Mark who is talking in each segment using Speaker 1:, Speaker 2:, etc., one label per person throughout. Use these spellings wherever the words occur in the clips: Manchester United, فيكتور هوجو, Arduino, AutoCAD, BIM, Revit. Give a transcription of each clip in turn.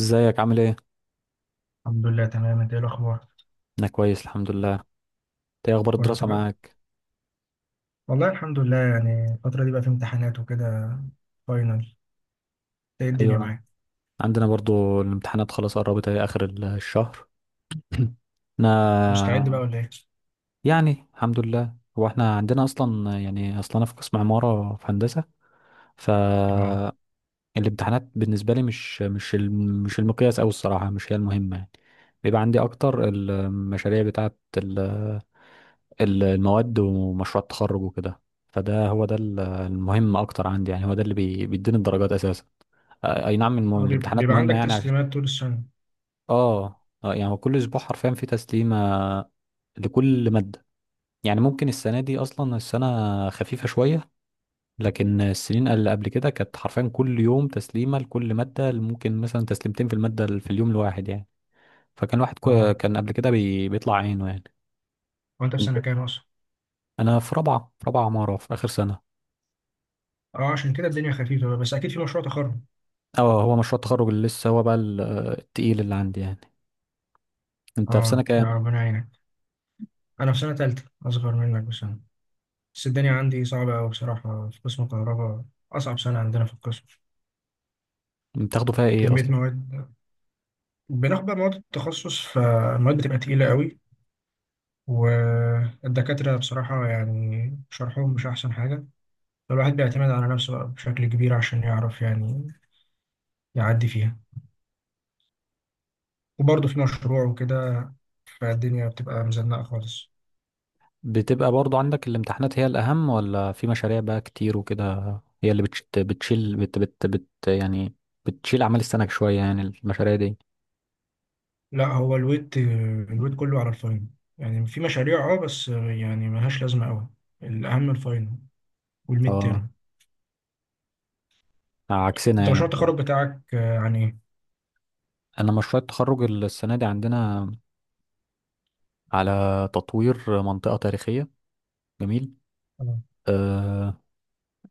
Speaker 1: ازيك عامل ايه؟
Speaker 2: الحمد لله، تمام. انت ايه الاخبار؟
Speaker 1: انا كويس الحمد لله، انت ايه اخبار
Speaker 2: كله
Speaker 1: الدراسة
Speaker 2: تمام،
Speaker 1: معاك؟
Speaker 2: والله الحمد لله. يعني الفتره دي بقى في امتحانات وكده، فاينل. انت ايه الدنيا
Speaker 1: ايوه،
Speaker 2: معاك؟
Speaker 1: عندنا برضو الامتحانات خلاص قربت اهي اخر الشهر.
Speaker 2: مستعد بقى
Speaker 1: انا
Speaker 2: ولا ايه؟
Speaker 1: يعني الحمد لله. هو احنا عندنا اصلا انا في قسم عمارة في هندسة.
Speaker 2: اه.
Speaker 1: فالامتحانات بالنسبة لي مش المقياس اوي الصراحة، مش هي المهمة يعني. بيبقى عندي اكتر المشاريع بتاعت المواد ومشروع التخرج وكده. فده هو ده المهم اكتر عندي، يعني هو ده اللي بيديني الدرجات اساسا. اي نعم،
Speaker 2: اه،
Speaker 1: الامتحانات
Speaker 2: بيبقى عندك
Speaker 1: مهمة يعني
Speaker 2: تسليمات طول السنه؟
Speaker 1: اه. يعني هو كل اسبوع حرفيا في تسليمة لكل مادة. يعني ممكن السنة دي اصلا السنة خفيفة شوية، لكن السنين اللي قبل كده كانت حرفيا كل يوم تسليمة لكل مادة، ممكن مثلا تسليمتين في المادة في اليوم الواحد يعني. فكان واحد
Speaker 2: اه،
Speaker 1: كان قبل كده بيطلع عينه يعني.
Speaker 2: هو انت في
Speaker 1: انت
Speaker 2: سنه كام اصلا؟
Speaker 1: انا في رابعة عمارة في اخر سنة.
Speaker 2: اه، عشان كده الدنيا خفيفه بقى، بس اكيد في مشروع تخرج.
Speaker 1: اه، هو مشروع التخرج اللي لسه هو بقى التقيل اللي عندي يعني. انت في سنة
Speaker 2: اه، يا
Speaker 1: كام؟
Speaker 2: ربنا يعينك. انا في سنه تالته، اصغر منك بسنه. بس الدنيا عندي صعبه قوي بصراحه، في قسم كهرباء، اصعب سنه عندنا في القسم.
Speaker 1: بتاخده فيها ايه؟
Speaker 2: كميه مواد. بناخد بقى مواد التخصص، فالمواد بتبقى تقيله قوي، والدكاترة بصراحة يعني شرحهم مش أحسن حاجة، فالواحد بيعتمد على نفسه بقى بشكل كبير عشان يعرف يعني يعدي فيها. وبرضه في مشروع وكده، فالدنيا بتبقى مزنقة خالص.
Speaker 1: بتبقى برضو عندك الامتحانات هي الأهم، ولا في مشاريع بقى كتير وكده؟ هي اللي بتشت بتشيل بت بت بت يعني، بتشيل أعمال السنة شوية يعني المشاريع دي.
Speaker 2: لا، هو الويت كله على الفاينل. يعني في مشاريع، بس يعني ملهاش لازمة أوي. الأهم الفاينل والميد
Speaker 1: اه،
Speaker 2: تيرم.
Speaker 1: عكسنا
Speaker 2: أنت
Speaker 1: يعني
Speaker 2: مشروع التخرج
Speaker 1: بالظبط.
Speaker 2: بتاعك عن إيه؟
Speaker 1: أنا مشروع التخرج السنة دي عندنا على تطوير منطقة تاريخية. جميل.
Speaker 2: اه.
Speaker 1: آه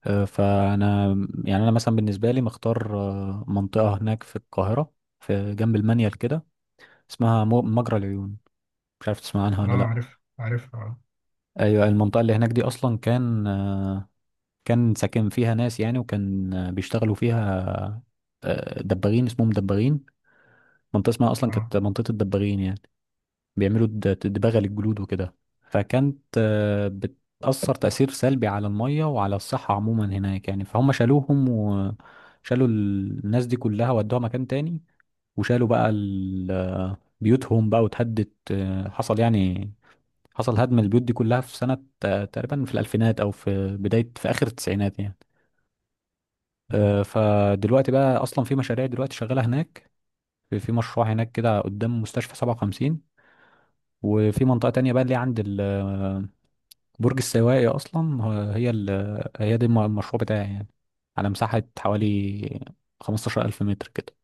Speaker 1: فأنا يعني، أنا مثلا بالنسبة لي مختار منطقة هناك في القاهرة، في جنب المنيل كده، اسمها مجرى العيون. مش عارف تسمع عنها ولا لأ.
Speaker 2: عارف عارف، اه.
Speaker 1: ايوه، المنطقه اللي هناك دي اصلا كان ساكن فيها ناس يعني، وكان بيشتغلوا فيها دباغين، اسمهم دباغين. منطقة اسمها أصلا
Speaker 2: اه،
Speaker 1: كانت منطقة الدباغين يعني. بيعملوا دباغة للجلود وكده، فكانت بتأثر تأثير سلبي على المية وعلى الصحة عموما هناك يعني، فهم شالوهم وشالوا الناس دي كلها ودوها مكان تاني، وشالوا بقى بيوتهم بقى واتهدت، حصل يعني، حصل هدم البيوت دي كلها في سنة تقريبا في الألفينات أو في بداية في آخر التسعينات يعني. فدلوقتي بقى اصلا في مشاريع دلوقتي شغاله هناك، في مشروع هناك كده قدام مستشفى 57، وفي منطقه تانية بقى اللي هي عند برج السواقي. اصلا هي دي المشروع بتاعي يعني، على مساحه حوالي 15000 متر كده.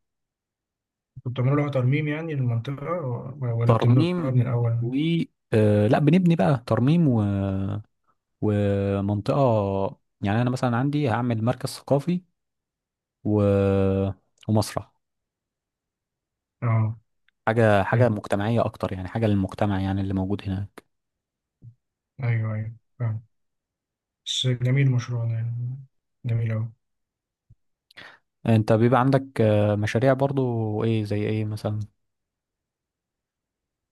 Speaker 2: انتوا بتعملوا لها ترميم يعني للمنطقة، ولا بتبنوها
Speaker 1: ترميم
Speaker 2: من الأول؟
Speaker 1: و آه، لا، بنبني بقى، ترميم ومنطقه يعني، انا مثلا عندي هعمل مركز ثقافي و... ومسرح،
Speaker 2: اه،
Speaker 1: حاجه
Speaker 2: حلو.
Speaker 1: مجتمعيه اكتر يعني، حاجه للمجتمع يعني اللي موجود هنا.
Speaker 2: ايوه ايوه، فاهم. بس جميل مشروع ده يعني، جميل اوي.
Speaker 1: انت بيبقى عندك مشاريع برضو ايه، زي ايه مثلا؟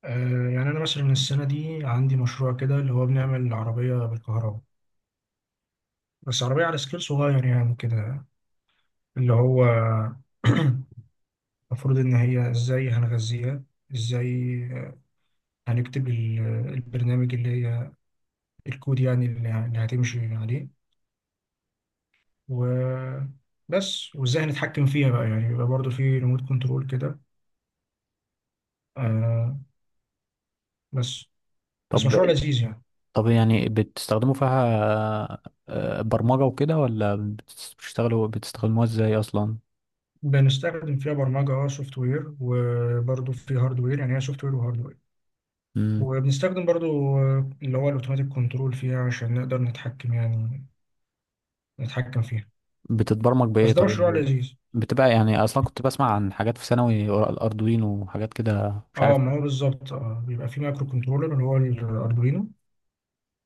Speaker 2: يعني انا مثلا السنه دي عندي مشروع كده، اللي هو بنعمل عربيه بالكهرباء، بس عربيه على سكيل صغير يعني كده. اللي هو المفروض ان هي ازاي هنغذيها، ازاي هنكتب البرنامج اللي هي الكود يعني اللي هتمشي عليه. وبس، وازاي هنتحكم فيها بقى، يعني يبقى برضه في ريموت كنترول كده. آه بس بس
Speaker 1: طب
Speaker 2: مشروع
Speaker 1: زي
Speaker 2: لذيذ يعني.
Speaker 1: طب يعني بتستخدموا فيها آه، برمجة وكده، ولا بتشتغلوا بتستخدموها ازاي اصلا؟
Speaker 2: بنستخدم فيها برمجة، اه، سوفت وير، وبرضه في هاردوير، يعني هي سوفت وير وهاردوير.
Speaker 1: مم.
Speaker 2: وبنستخدم برضه اللي هو الاوتوماتيك كنترول فيها عشان نقدر نتحكم يعني، نتحكم فيها.
Speaker 1: بتتبرمج
Speaker 2: بس
Speaker 1: بايه
Speaker 2: ده
Speaker 1: طيب
Speaker 2: مشروع
Speaker 1: يعني؟
Speaker 2: لذيذ.
Speaker 1: بتبقى يعني اصلا كنت بسمع عن حاجات في ثانوي ورا الاردوينو وحاجات كده مش عارف.
Speaker 2: اه، ما هو بالظبط. اه بيبقى في مايكرو كنترولر اللي هو الاردوينو،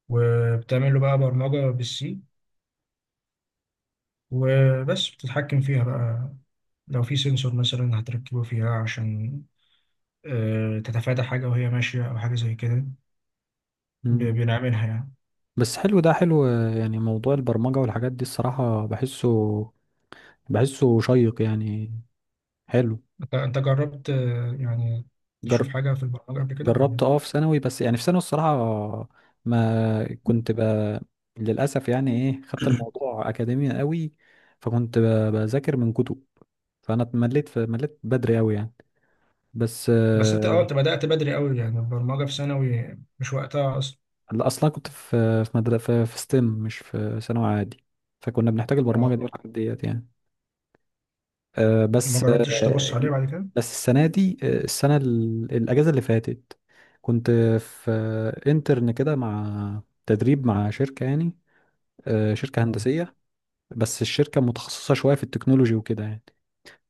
Speaker 2: وبتعمل له بقى برمجة بالسي، وبس بتتحكم فيها بقى. لو في سنسور مثلا هتركبه فيها عشان تتفادى حاجة وهي ماشية أو حاجة زي كده.
Speaker 1: مم.
Speaker 2: بنعملها يعني.
Speaker 1: بس حلو، ده حلو، يعني موضوع البرمجة والحاجات دي الصراحة بحسه شيق يعني. حلو.
Speaker 2: انت جربت يعني
Speaker 1: جر...
Speaker 2: تشوف حاجة في البرمجة قبل كده ولا
Speaker 1: جربت،
Speaker 2: ايه؟
Speaker 1: اه، في ثانوي، بس يعني في ثانوي الصراحة ما كنت بقى للأسف يعني، ايه، خدت الموضوع أكاديمي قوي، فكنت بذاكر من كتب، فأنا اتمليت في مليت بدري قوي يعني. بس
Speaker 2: بس انت، انت بدأت بدري قوي يعني، البرمجة في ثانوي مش وقتها اصلا.
Speaker 1: لا، أصلا كنت في مدرسة في ستيم، مش في ثانوي عادي، فكنا بنحتاج البرمجة دي
Speaker 2: اه،
Speaker 1: والحاجات ديت يعني. آه،
Speaker 2: ما
Speaker 1: بس
Speaker 2: جربتش تبص
Speaker 1: آه،
Speaker 2: عليه بعد كده.
Speaker 1: بس السنة دي السنة الأجازة اللي فاتت، كنت في انترن كده، مع تدريب مع شركة يعني، شركة
Speaker 2: اه
Speaker 1: هندسية، بس الشركة متخصصة شوية في التكنولوجي وكده يعني.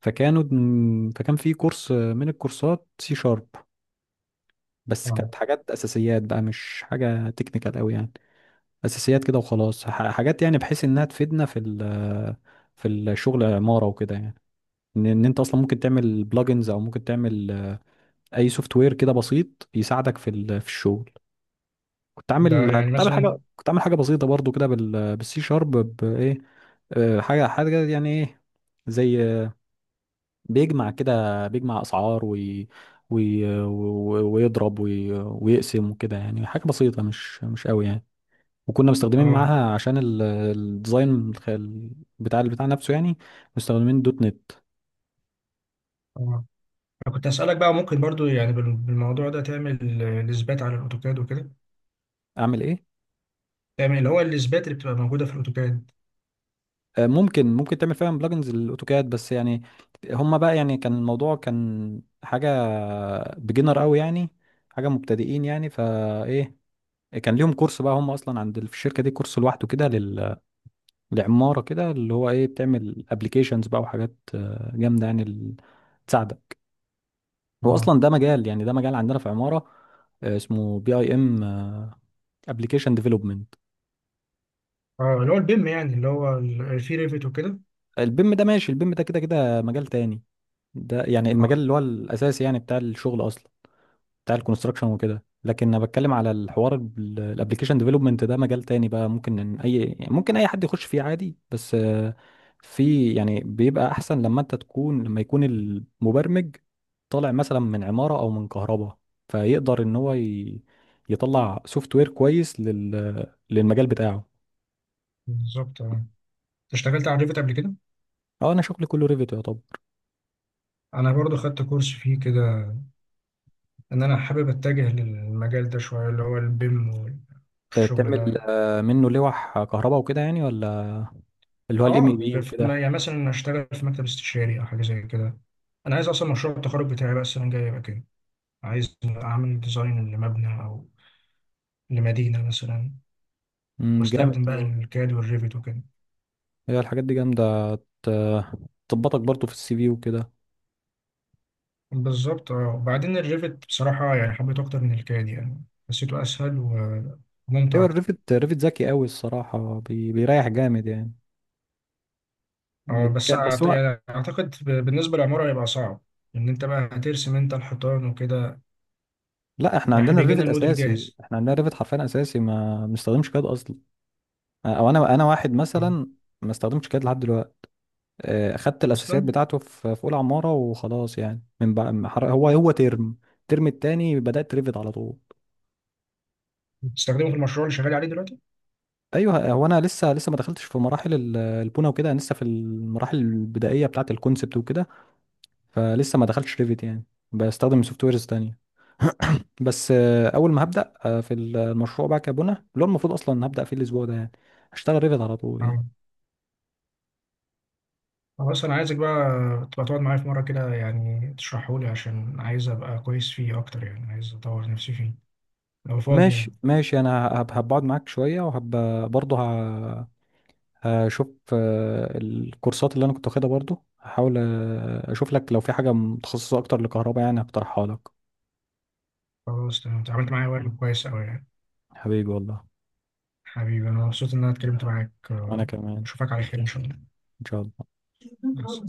Speaker 1: فكانوا فكان في كورس، من الكورسات سي شارب، بس
Speaker 2: اه،
Speaker 1: كانت حاجات أساسيات بقى، مش حاجة تكنيكال أوي يعني، أساسيات كده وخلاص، حاجات يعني بحيث إنها تفيدنا في في الشغل عمارة وكده يعني، إن أنت أصلا ممكن تعمل بلجنز، أو ممكن تعمل أي سوفت وير كده بسيط يساعدك في في الشغل. كنت
Speaker 2: ده
Speaker 1: عامل
Speaker 2: يعني
Speaker 1: كنت عامل
Speaker 2: مثلا.
Speaker 1: حاجة كنت عامل حاجة بسيطة برضو كده بالسي شارب بإيه. حاجة يعني إيه، زي، بيجمع كده، بيجمع اسعار وي... و- ويضرب ويقسم وكده، يعني حاجه بسيطه مش قوي يعني، وكنا مستخدمين
Speaker 2: اه
Speaker 1: معاها عشان الديزاين بتاع البتاع نفسه يعني، مستخدمين دوت نت.
Speaker 2: اه. انا كنت هسألك بقى، ممكن برضو يعني بالموضوع ده تعمل الاثبات على الاوتوكاد وكده.
Speaker 1: اعمل ايه؟
Speaker 2: تعمل اللي هو الاثبات اللي بتبقى موجودة في الاوتوكاد.
Speaker 1: ممكن تعمل فعلا بلجنز للاوتوكاد، بس يعني هما بقى يعني كان الموضوع كان حاجه بيجنر قوي يعني، حاجه مبتدئين يعني، فايه كان ليهم كورس بقى، هم اصلا عند في الشركه دي كورس لوحده كده لعمارة، كده اللي هو ايه، بتعمل ابلكيشنز بقى وحاجات جامدة يعني تساعدك. هو
Speaker 2: اه
Speaker 1: اصلا ده مجال، يعني ده مجال عندنا في عمارة، اسمه بي اي ام، ابلكيشن ديفلوبمنت.
Speaker 2: اه، اللي هو البيم يعني، اللي هو في ريفت وكده.
Speaker 1: البيم ده كده كده مجال تاني، ده يعني المجال
Speaker 2: اه،
Speaker 1: اللي هو الاساسي يعني بتاع الشغل اصلا، بتاع الكونستراكشن وكده، لكن انا بتكلم على الحوار الابلكيشن ديفلوبمنت، ده مجال تاني بقى، ممكن اي حد يخش فيه عادي، بس في يعني، بيبقى احسن لما انت تكون لما يكون المبرمج طالع مثلا من عمارة او من كهرباء، فيقدر ان هو يطلع سوفت وير كويس للمجال بتاعه.
Speaker 2: بالظبط. اه انت اشتغلت على ريفت قبل كده؟
Speaker 1: اه، انا شغلي كله ريفيت يا طب.
Speaker 2: انا برضو خدت كورس فيه كده، ان انا حابب اتجه للمجال ده شويه، اللي هو البيم والشغل
Speaker 1: تعمل
Speaker 2: ده.
Speaker 1: منه لوح كهرباء وكده يعني، ولا اللي هو الام اي
Speaker 2: اه،
Speaker 1: بي وكده؟
Speaker 2: يعني مثلا اشتغل في مكتب استشاري او حاجه زي كده. انا عايز اصلا مشروع التخرج بتاعي بقى السنه الجايه يبقى كده، عايز اعمل ديزاين لمبنى او لمدينه مثلا،
Speaker 1: مم، جامد.
Speaker 2: واستخدم بقى الكاد والريفت وكده.
Speaker 1: هي الحاجات دي جامدة، ت- تظبطك برضو في السي في وكده.
Speaker 2: بالظبط. اه وبعدين الريفت بصراحه يعني حبيته اكتر من الكاد يعني، حسيته اسهل وممتع
Speaker 1: ايوه،
Speaker 2: اكتر.
Speaker 1: ريفت ذكي قوي الصراحة، بيريح جامد يعني.
Speaker 2: اه بس
Speaker 1: بس هو،
Speaker 2: يعني اعتقد بالنسبه للعماره هيبقى صعب، ان انت بقى هترسم انت الحيطان وكده.
Speaker 1: لا، احنا
Speaker 2: يعني إحنا
Speaker 1: عندنا
Speaker 2: بيجي لنا
Speaker 1: الريفت
Speaker 2: الموديل
Speaker 1: اساسي،
Speaker 2: جاهز؟
Speaker 1: احنا عندنا الريفت حرفيا اساسي، ما بنستخدمش كاد اصلا، او انا واحد
Speaker 2: آه.
Speaker 1: مثلا ما استخدمش كاد لحد دلوقتي، اخدت الاساسيات
Speaker 2: اصلا
Speaker 1: بتاعته في اولى عمارة وخلاص يعني، من بقى هو الترم التاني بدأت ريفت على طول.
Speaker 2: بتستخدمه في المشروع اللي شغال عليه دلوقتي؟
Speaker 1: ايوه، هو انا لسه ما دخلتش في مراحل البونه وكده، انا لسه في المراحل البدائيه بتاعه الكونسبت وكده، فلسه ما دخلتش ريفيت يعني، بستخدم سوفت ويرز تانية، بس اول ما هبدا في المشروع بقى كبنى اللي هو المفروض اصلا هبدا فيه الاسبوع ده يعني، هشتغل ريفيت على طول يعني.
Speaker 2: آه. خلاص، انا عايزك بقى تبقى تقعد معايا في مره كده يعني تشرحه لي، عشان عايز ابقى كويس فيه اكتر، يعني عايز اطور نفسي فيه، لو فاضي يعني.
Speaker 1: ماشي ماشي، انا هبقعد معاك شويه، برضه هشوف الكورسات اللي انا كنت واخدها، برضه هحاول اشوف لك لو في حاجه متخصصه اكتر لكهرباء يعني، هقترحها لك.
Speaker 2: خلاص، تمام. اتعاملت معايا وقت كويس قوي يعني.
Speaker 1: حبيبي والله.
Speaker 2: حبيبي، انا مبسوط ان انا اتكلمت معاك
Speaker 1: وانا
Speaker 2: آه،
Speaker 1: كمان،
Speaker 2: اشوفك على خير ان شاء الله.
Speaker 1: ان شاء الله.
Speaker 2: بس.